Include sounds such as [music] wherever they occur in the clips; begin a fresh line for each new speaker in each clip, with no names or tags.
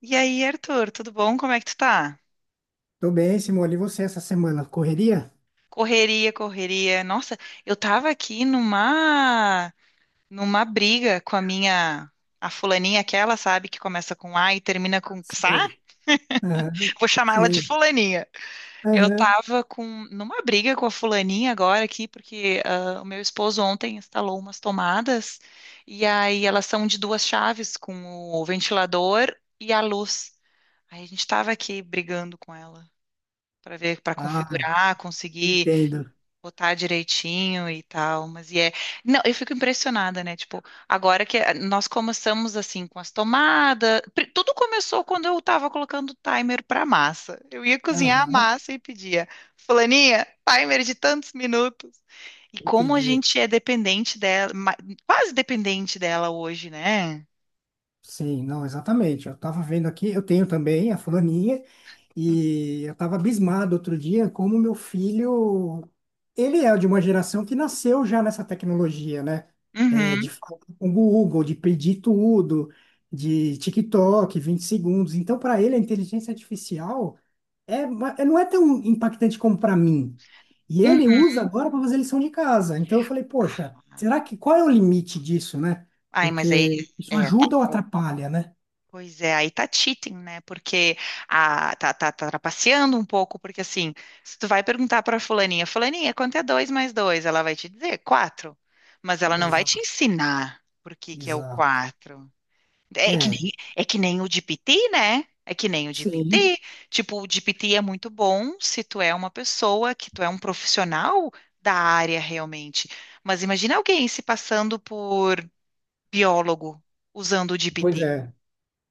E aí, Arthur, tudo bom? Como é que tu tá?
Tô bem, Simone. E você essa semana? Correria?
Correria, correria. Nossa, eu tava aqui numa briga com a minha a fulaninha aquela, sabe, que começa com A e termina com Xá?
Sei. Aham,
Vou chamar ela de
sei.
fulaninha. Eu
Aham.
tava com numa briga com a fulaninha agora aqui porque o meu esposo ontem instalou umas tomadas e aí elas são de 2 chaves com o ventilador e a luz. Aí a gente tava aqui brigando com ela para ver, para
Ah,
configurar, conseguir
entendo.
botar direitinho e tal, mas não, eu fico impressionada, né? Tipo, agora que nós começamos assim com as tomadas. Tudo começou quando eu tava colocando o timer para massa. Eu ia cozinhar a
Aham,
massa e pedia, fulaninha, timer de tantos minutos. E como a
entendi.
gente é dependente dela, quase dependente dela hoje, né?
Sim, não, exatamente. Eu tava vendo aqui, eu tenho também a fulaninha, e eu tava abismado outro dia como meu filho, ele é de uma geração que nasceu já nessa tecnologia, né? É,
Uhum,
de falar com o Google, de pedir tudo, de TikTok, 20 segundos. Então, para ele, a inteligência artificial. É, não é tão impactante como para mim. E ele
uhum.
usa agora para fazer lição de casa. Então eu falei, poxa, será que qual é o limite disso, né?
Ai, mas aí
Porque isso
é. É.
ajuda ou atrapalha, né?
Pois é, aí tá cheating, né? Porque tá trapaceando um pouco, porque assim, se tu vai perguntar pra fulaninha, fulaninha, quanto é dois mais dois? Ela vai te dizer quatro, mas ela não vai te
Exato,
ensinar por que que é o
exato.
quatro.
É,
É que nem o GPT, né? É que nem o
sim,
GPT. Tipo, o GPT é muito bom se tu é uma pessoa, que tu é um profissional da área realmente. Mas imagina alguém se passando por biólogo usando o
pois
GPT.
é.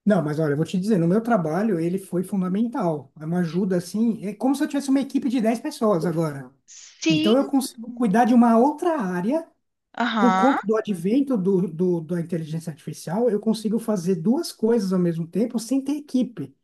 Não, mas olha, eu vou te dizer, no meu trabalho ele foi fundamental. É uma ajuda assim, é como se eu tivesse uma equipe de 10 pessoas agora.
Sim,
Então eu consigo cuidar de uma outra área. Por conta
aham.
do advento da inteligência artificial, eu consigo fazer duas coisas ao mesmo tempo sem ter equipe,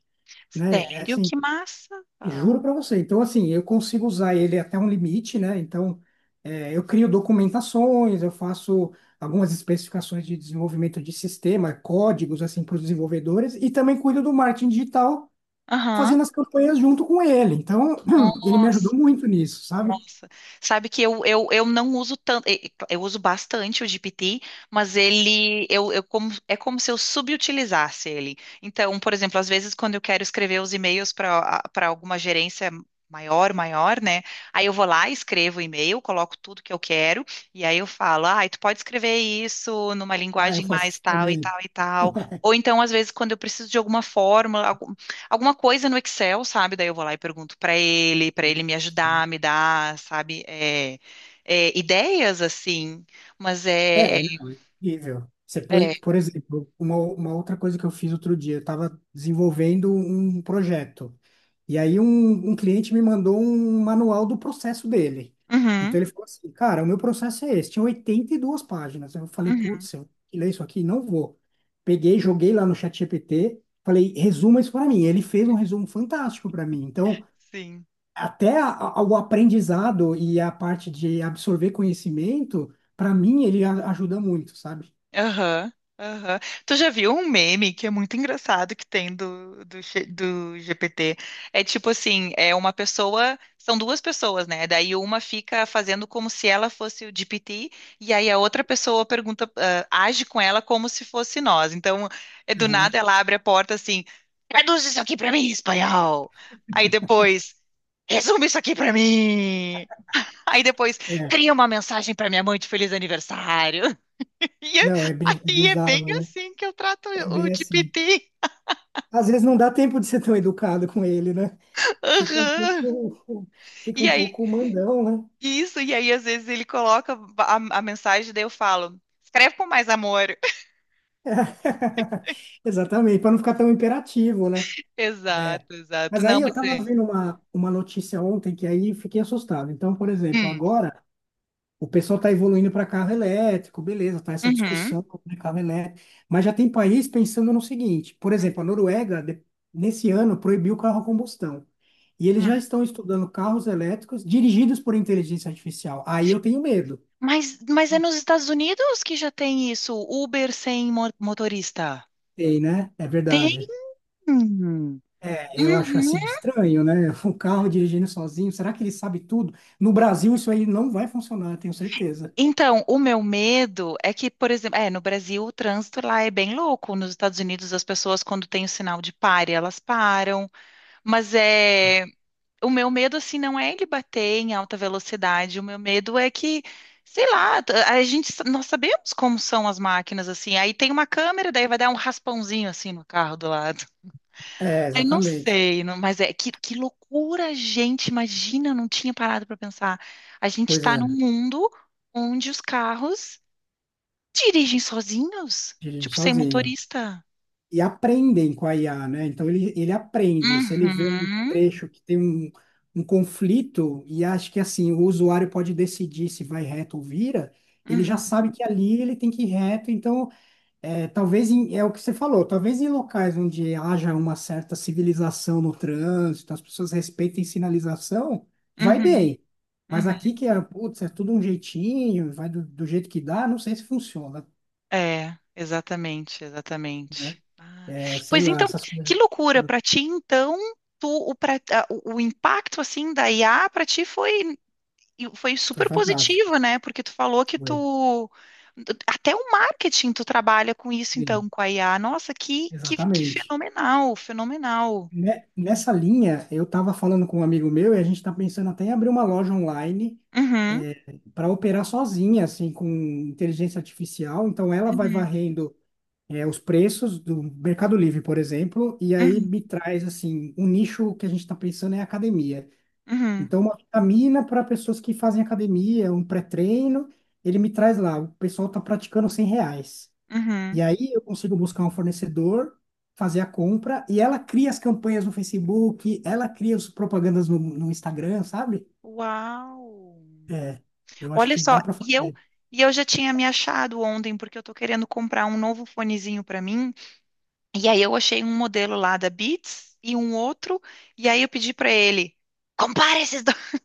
né? É
Sério?
assim,
Que massa!
juro para você. Então, assim, eu consigo usar ele até um limite, né? Então, é, eu crio documentações, eu faço algumas especificações de desenvolvimento de sistema, códigos, assim, para os desenvolvedores, e também cuido do marketing digital,
Aham.
fazendo as campanhas junto com ele. Então, [clears throat] ele me ajudou
Nossa,
muito nisso, sabe?
nossa. Sabe que eu não uso tanto, eu uso bastante o GPT, mas eu como, é como se eu subutilizasse ele. Então, por exemplo, às vezes quando eu quero escrever os e-mails para alguma gerência maior, né? Aí eu vou lá, escrevo o e-mail, coloco tudo que eu quero e aí eu falo: "Ah, tu pode escrever isso numa
Ah, eu
linguagem
faço
mais
isso
tal e
também.
tal e tal". Ou então, às vezes, quando eu preciso de alguma fórmula, alguma coisa no Excel, sabe? Daí eu vou lá e pergunto para ele me ajudar,
[laughs]
me dar, sabe? Ideias assim, mas
É, não, é incrível. Você põe,
é.
por exemplo, uma outra coisa que eu fiz outro dia, eu estava desenvolvendo um projeto. E aí um cliente me mandou um manual do processo dele.
Uhum,
Então ele falou assim, cara, o meu processo é esse, tinha 82 páginas. Eu falei,
uhum,
putz, eu vou ler isso aqui? Não vou. Peguei, joguei lá no chat ChatGPT, falei, resuma isso para mim. Ele fez um resumo fantástico para mim. Então,
sim.
até o aprendizado e a parte de absorver conhecimento, para mim, ele ajuda muito, sabe?
Aham, aham. Tu já viu um meme que é muito engraçado que tem do GPT? É tipo assim, é uma pessoa, são duas pessoas, né? Daí uma fica fazendo como se ela fosse o GPT, e aí a outra pessoa pergunta, ah, age com ela como se fosse nós. Então, é do
Aham.
nada ela abre a porta assim, traduz isso aqui pra mim em espanhol. Aí depois, resume isso aqui pra mim. Aí depois,
É,
cria uma mensagem pra minha mãe de feliz aniversário. E é,
não, é
aí é bem
bizarro, né?
assim que eu trato
É
o
bem assim.
GPT.
Às vezes não dá tempo de ser tão educado com ele, né? Fica um
Aham.
pouco, fica
E
um
aí,
pouco mandão, né?
isso, e aí às vezes ele coloca a mensagem, daí eu falo, escreve com mais amor. [laughs]
[laughs] Exatamente, para não ficar tão imperativo, né? É.
Exato, exato.
Mas
Não,
aí eu
mas
estava
é.
vendo uma notícia ontem que aí fiquei assustado. Então, por exemplo,
Hum,
agora, o pessoal está evoluindo para carro elétrico, beleza, tá essa
uhum,
discussão sobre carro elétrico. Mas já tem país pensando no seguinte: por
hum,
exemplo, a Noruega, nesse ano, proibiu o carro a combustão. E eles
hum.
já estão estudando carros elétricos dirigidos por inteligência artificial. Aí eu tenho medo.
Mas é nos Estados Unidos que já tem isso, Uber sem motorista.
Tem, né? É
Tem.
verdade.
Uhum.
É, eu acho assim estranho, né? [laughs] Um carro dirigindo sozinho, será que ele sabe tudo? No Brasil, isso aí não vai funcionar, eu tenho certeza.
Então, o meu medo é que, por exemplo, é, no Brasil o trânsito lá é bem louco. Nos Estados Unidos as pessoas quando tem o sinal de pare, elas param, mas é, o meu medo assim não é ele bater em alta velocidade, o meu medo é que, sei lá, nós sabemos como são as máquinas assim. Aí tem uma câmera, daí vai dar um raspãozinho assim no carro do lado.
É,
[laughs] Aí não
exatamente.
sei, mas é que loucura, gente, imagina, eu não tinha parado para pensar. A gente
Pois
está num
é,
mundo onde os carros dirigem sozinhos?
dirigindo
Tipo, sem
sozinho,
motorista?
e aprendem com a IA, né? Então ele aprende. Se ele vê um
Uhum,
trecho que tem um conflito e acha que assim o usuário pode decidir se vai reto ou vira, ele já
uhum,
sabe que ali ele tem que ir reto. Então, é, talvez é o que você falou, talvez em locais onde haja uma certa civilização no trânsito, as pessoas respeitem sinalização, vai
uhum,
bem. Mas
uhum.
aqui que é, putz, é tudo um jeitinho, vai do jeito que dá, não sei se funciona,
É, exatamente,
né?
exatamente. Ah,
É, sei
pois
lá,
então,
essas
que
coisas.
loucura para ti, então, tu, o, pra- a- o impacto assim da IA para ti foi, foi
Foi
super
fantástico.
positivo, né? Porque tu falou que
Foi.
tu até o marketing tu trabalha com isso
Sim,
então, com a IA. Nossa, que
exatamente.
fenomenal, fenomenal.
Nessa linha, eu estava falando com um amigo meu e a gente está pensando até em abrir uma loja online
Uhum,
para operar sozinha, assim, com inteligência artificial. Então, ela vai
uhum,
varrendo os preços do Mercado Livre, por exemplo, e aí
uhum,
me traz, assim, um nicho que a gente está pensando é academia.
uhum,
Então, uma vitamina para pessoas que fazem academia, um pré-treino, ele me traz lá, o pessoal está praticando R$ 100.
uhum.
E aí eu consigo buscar um fornecedor, fazer a compra, e ela cria as campanhas no Facebook, ela cria as propagandas no Instagram, sabe?
Uau!
É, eu acho
Olha
que
só,
dá para fazer.
e eu já tinha me achado ontem porque eu tô querendo comprar um novo fonezinho pra mim. E aí eu achei um modelo lá da Beats e um outro, e aí eu pedi pra ele: compara esses dois. [laughs]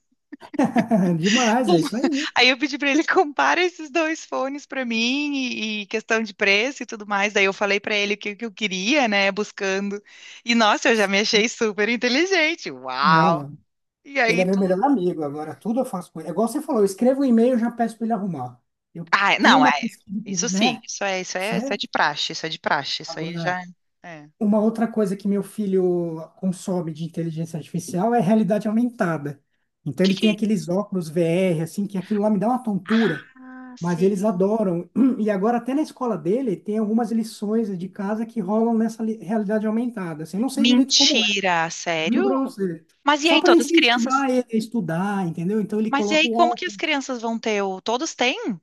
[laughs] Demais,
Com-
é isso aí.
Aí eu pedi pra ele compara esses dois fones pra mim e questão de preço e tudo mais. Daí eu falei pra ele o que, que eu queria, né, buscando. E nossa, eu já me achei super inteligente. Uau!
Não,
E
ele
aí
é meu
tu.
melhor amigo, agora tudo eu faço com ele. É igual você falou, eu escrevo um e-mail e já peço para ele arrumar. Eu
Ah,
tenho
não.
uma pesquisa,
Isso sim,
né?
isso é, isso é, isso é
Certo?
de praxe, isso é de praxe, isso aí
Agora.
já. É.
Uma outra coisa que meu filho consome de inteligência artificial é realidade aumentada. Então ele
Que...
tem aqueles óculos VR, assim, que aquilo lá me dá uma tontura,
Ah,
mas
sei.
eles adoram. [clears throat] E agora até na escola dele tem algumas lições de casa que rolam nessa realidade aumentada. Assim, eu não sei direito como é,
Mentira, sério?
juro pra você.
Mas e
Só
aí,
para
todas as crianças?
incentivar ele a estudar, entendeu? Então ele
Mas e
coloca
aí,
o
como que as
óculos.
crianças vão ter o. Todos têm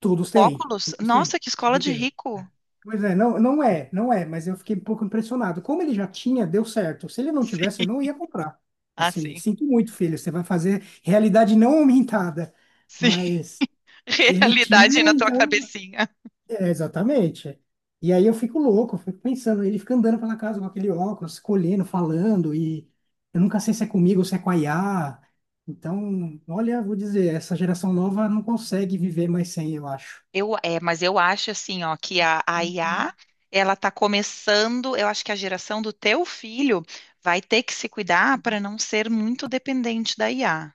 Todos
o
têm,
óculos?
todos
Nossa,
têm.
que
Tem
escola
que
de
ter. É.
rico.
Pois é, não, não é, não é, mas eu fiquei um pouco impressionado. Como ele já tinha, deu certo. Se ele não tivesse,
Sim.
eu não ia comprar.
Ah,
Assim,
sim.
sinto muito, filho, você vai fazer realidade não aumentada.
Sim.
Mas
[laughs]
ele
Realidade
tinha,
na tua
então.
cabecinha.
É, exatamente. E aí eu fico louco, eu fico pensando, ele fica andando pela casa com aquele óculos, escolhendo, falando, e eu nunca sei se é comigo ou se é com a IA. Então, olha, vou dizer, essa geração nova não consegue viver mais sem, eu acho.
Eu, é, mas eu acho assim, ó, que a IA, ela tá começando, eu acho que a geração do teu filho vai ter que se cuidar para não ser muito dependente da IA.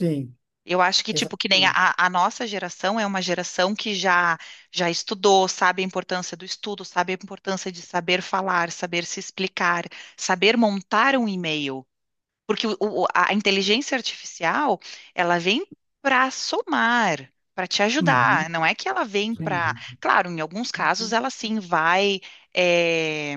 Sim.
Eu acho que, tipo, que nem
Exatamente.
a nossa geração é uma geração que já estudou, sabe a importância do estudo, sabe a importância de saber falar, saber se explicar, saber montar um e-mail. Porque a inteligência artificial, ela vem para somar, para te
Uhum,
ajudar. Não é que ela vem
sim.
para. Claro, em alguns casos ela sim vai. eh,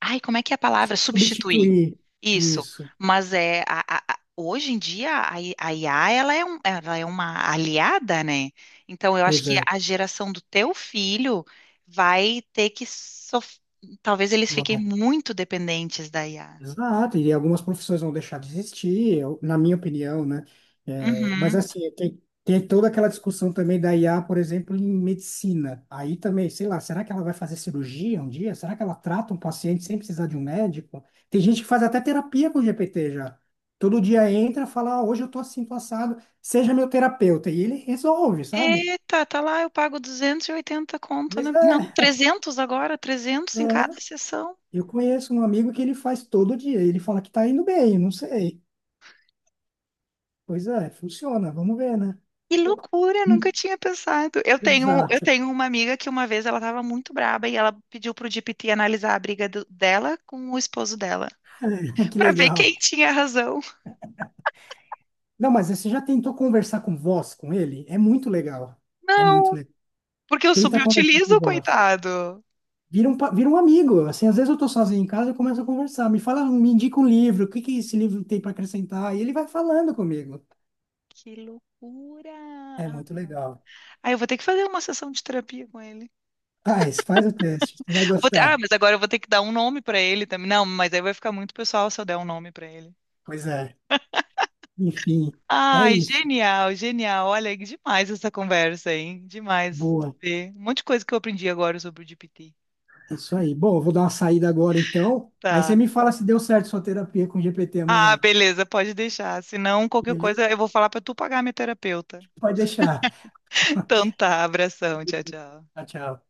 Ai, como é que é a palavra? Substituir.
Substituir
Isso.
isso.
Mas é hoje em dia a IA ela é, ela é uma aliada, né? Então eu acho
Pois
que
é.
a geração do teu filho vai ter que talvez eles fiquem
Vai.
muito dependentes da IA.
Exato. E algumas profissões vão deixar de existir, na minha opinião, né? É, mas
Uhum.
assim, tem toda aquela discussão também da IA, por exemplo, em medicina. Aí também, sei lá, será que ela vai fazer cirurgia um dia? Será que ela trata um paciente sem precisar de um médico? Tem gente que faz até terapia com o GPT já. Todo dia entra, fala, "Ah, hoje eu tô assim, tô assado, seja meu terapeuta". E ele resolve, sabe?
Eita, tá lá, eu pago 280 conto,
Mas
né? Não,
é.
300 agora, 300 em cada
é.
sessão.
Eu conheço um amigo que ele faz todo dia. Ele fala que tá indo bem, não sei. Pois é, funciona, vamos ver, né?
Que loucura, eu nunca
Hum.
tinha pensado. Eu
Exato.
tenho uma amiga que uma vez ela estava muito braba e ela pediu pro GPT analisar a briga dela com o esposo dela,
[laughs] Que
para ver quem
legal.
tinha razão.
Não, mas você já tentou conversar com voz com ele? É muito legal. É
Não,
muito legal.
porque eu
Tenta conversar com
subutilizo,
voz.
coitado.
Vira um amigo. Assim, às vezes eu tô sozinho em casa e começo a conversar. Me fala, me indica um livro. O que que esse livro tem para acrescentar? E ele vai falando comigo.
Que
É
loucura.
muito legal.
Ah, eu vou ter que fazer uma sessão de terapia com ele.
Faz, faz o teste. Você vai gostar.
Mas agora eu vou ter que dar um nome para ele também. Não, mas aí vai ficar muito pessoal se eu der um nome para ele.
Pois é. Enfim, é
Ai,
isso.
genial, genial. Olha, que demais essa conversa, hein? Demais.
Boa.
Ver. Um monte de coisa que eu aprendi agora sobre o GPT.
É isso aí. Bom, eu vou dar uma saída agora então. Aí
Tá.
você me fala se deu certo sua terapia com GPT
Ah,
amanhã.
beleza, pode deixar. Se não qualquer coisa,
Beleza?
eu vou falar pra tu pagar a minha terapeuta.
Pode deixar.
Então
[laughs]
tá, abração, tchau, tchau.
Tchau, tchau.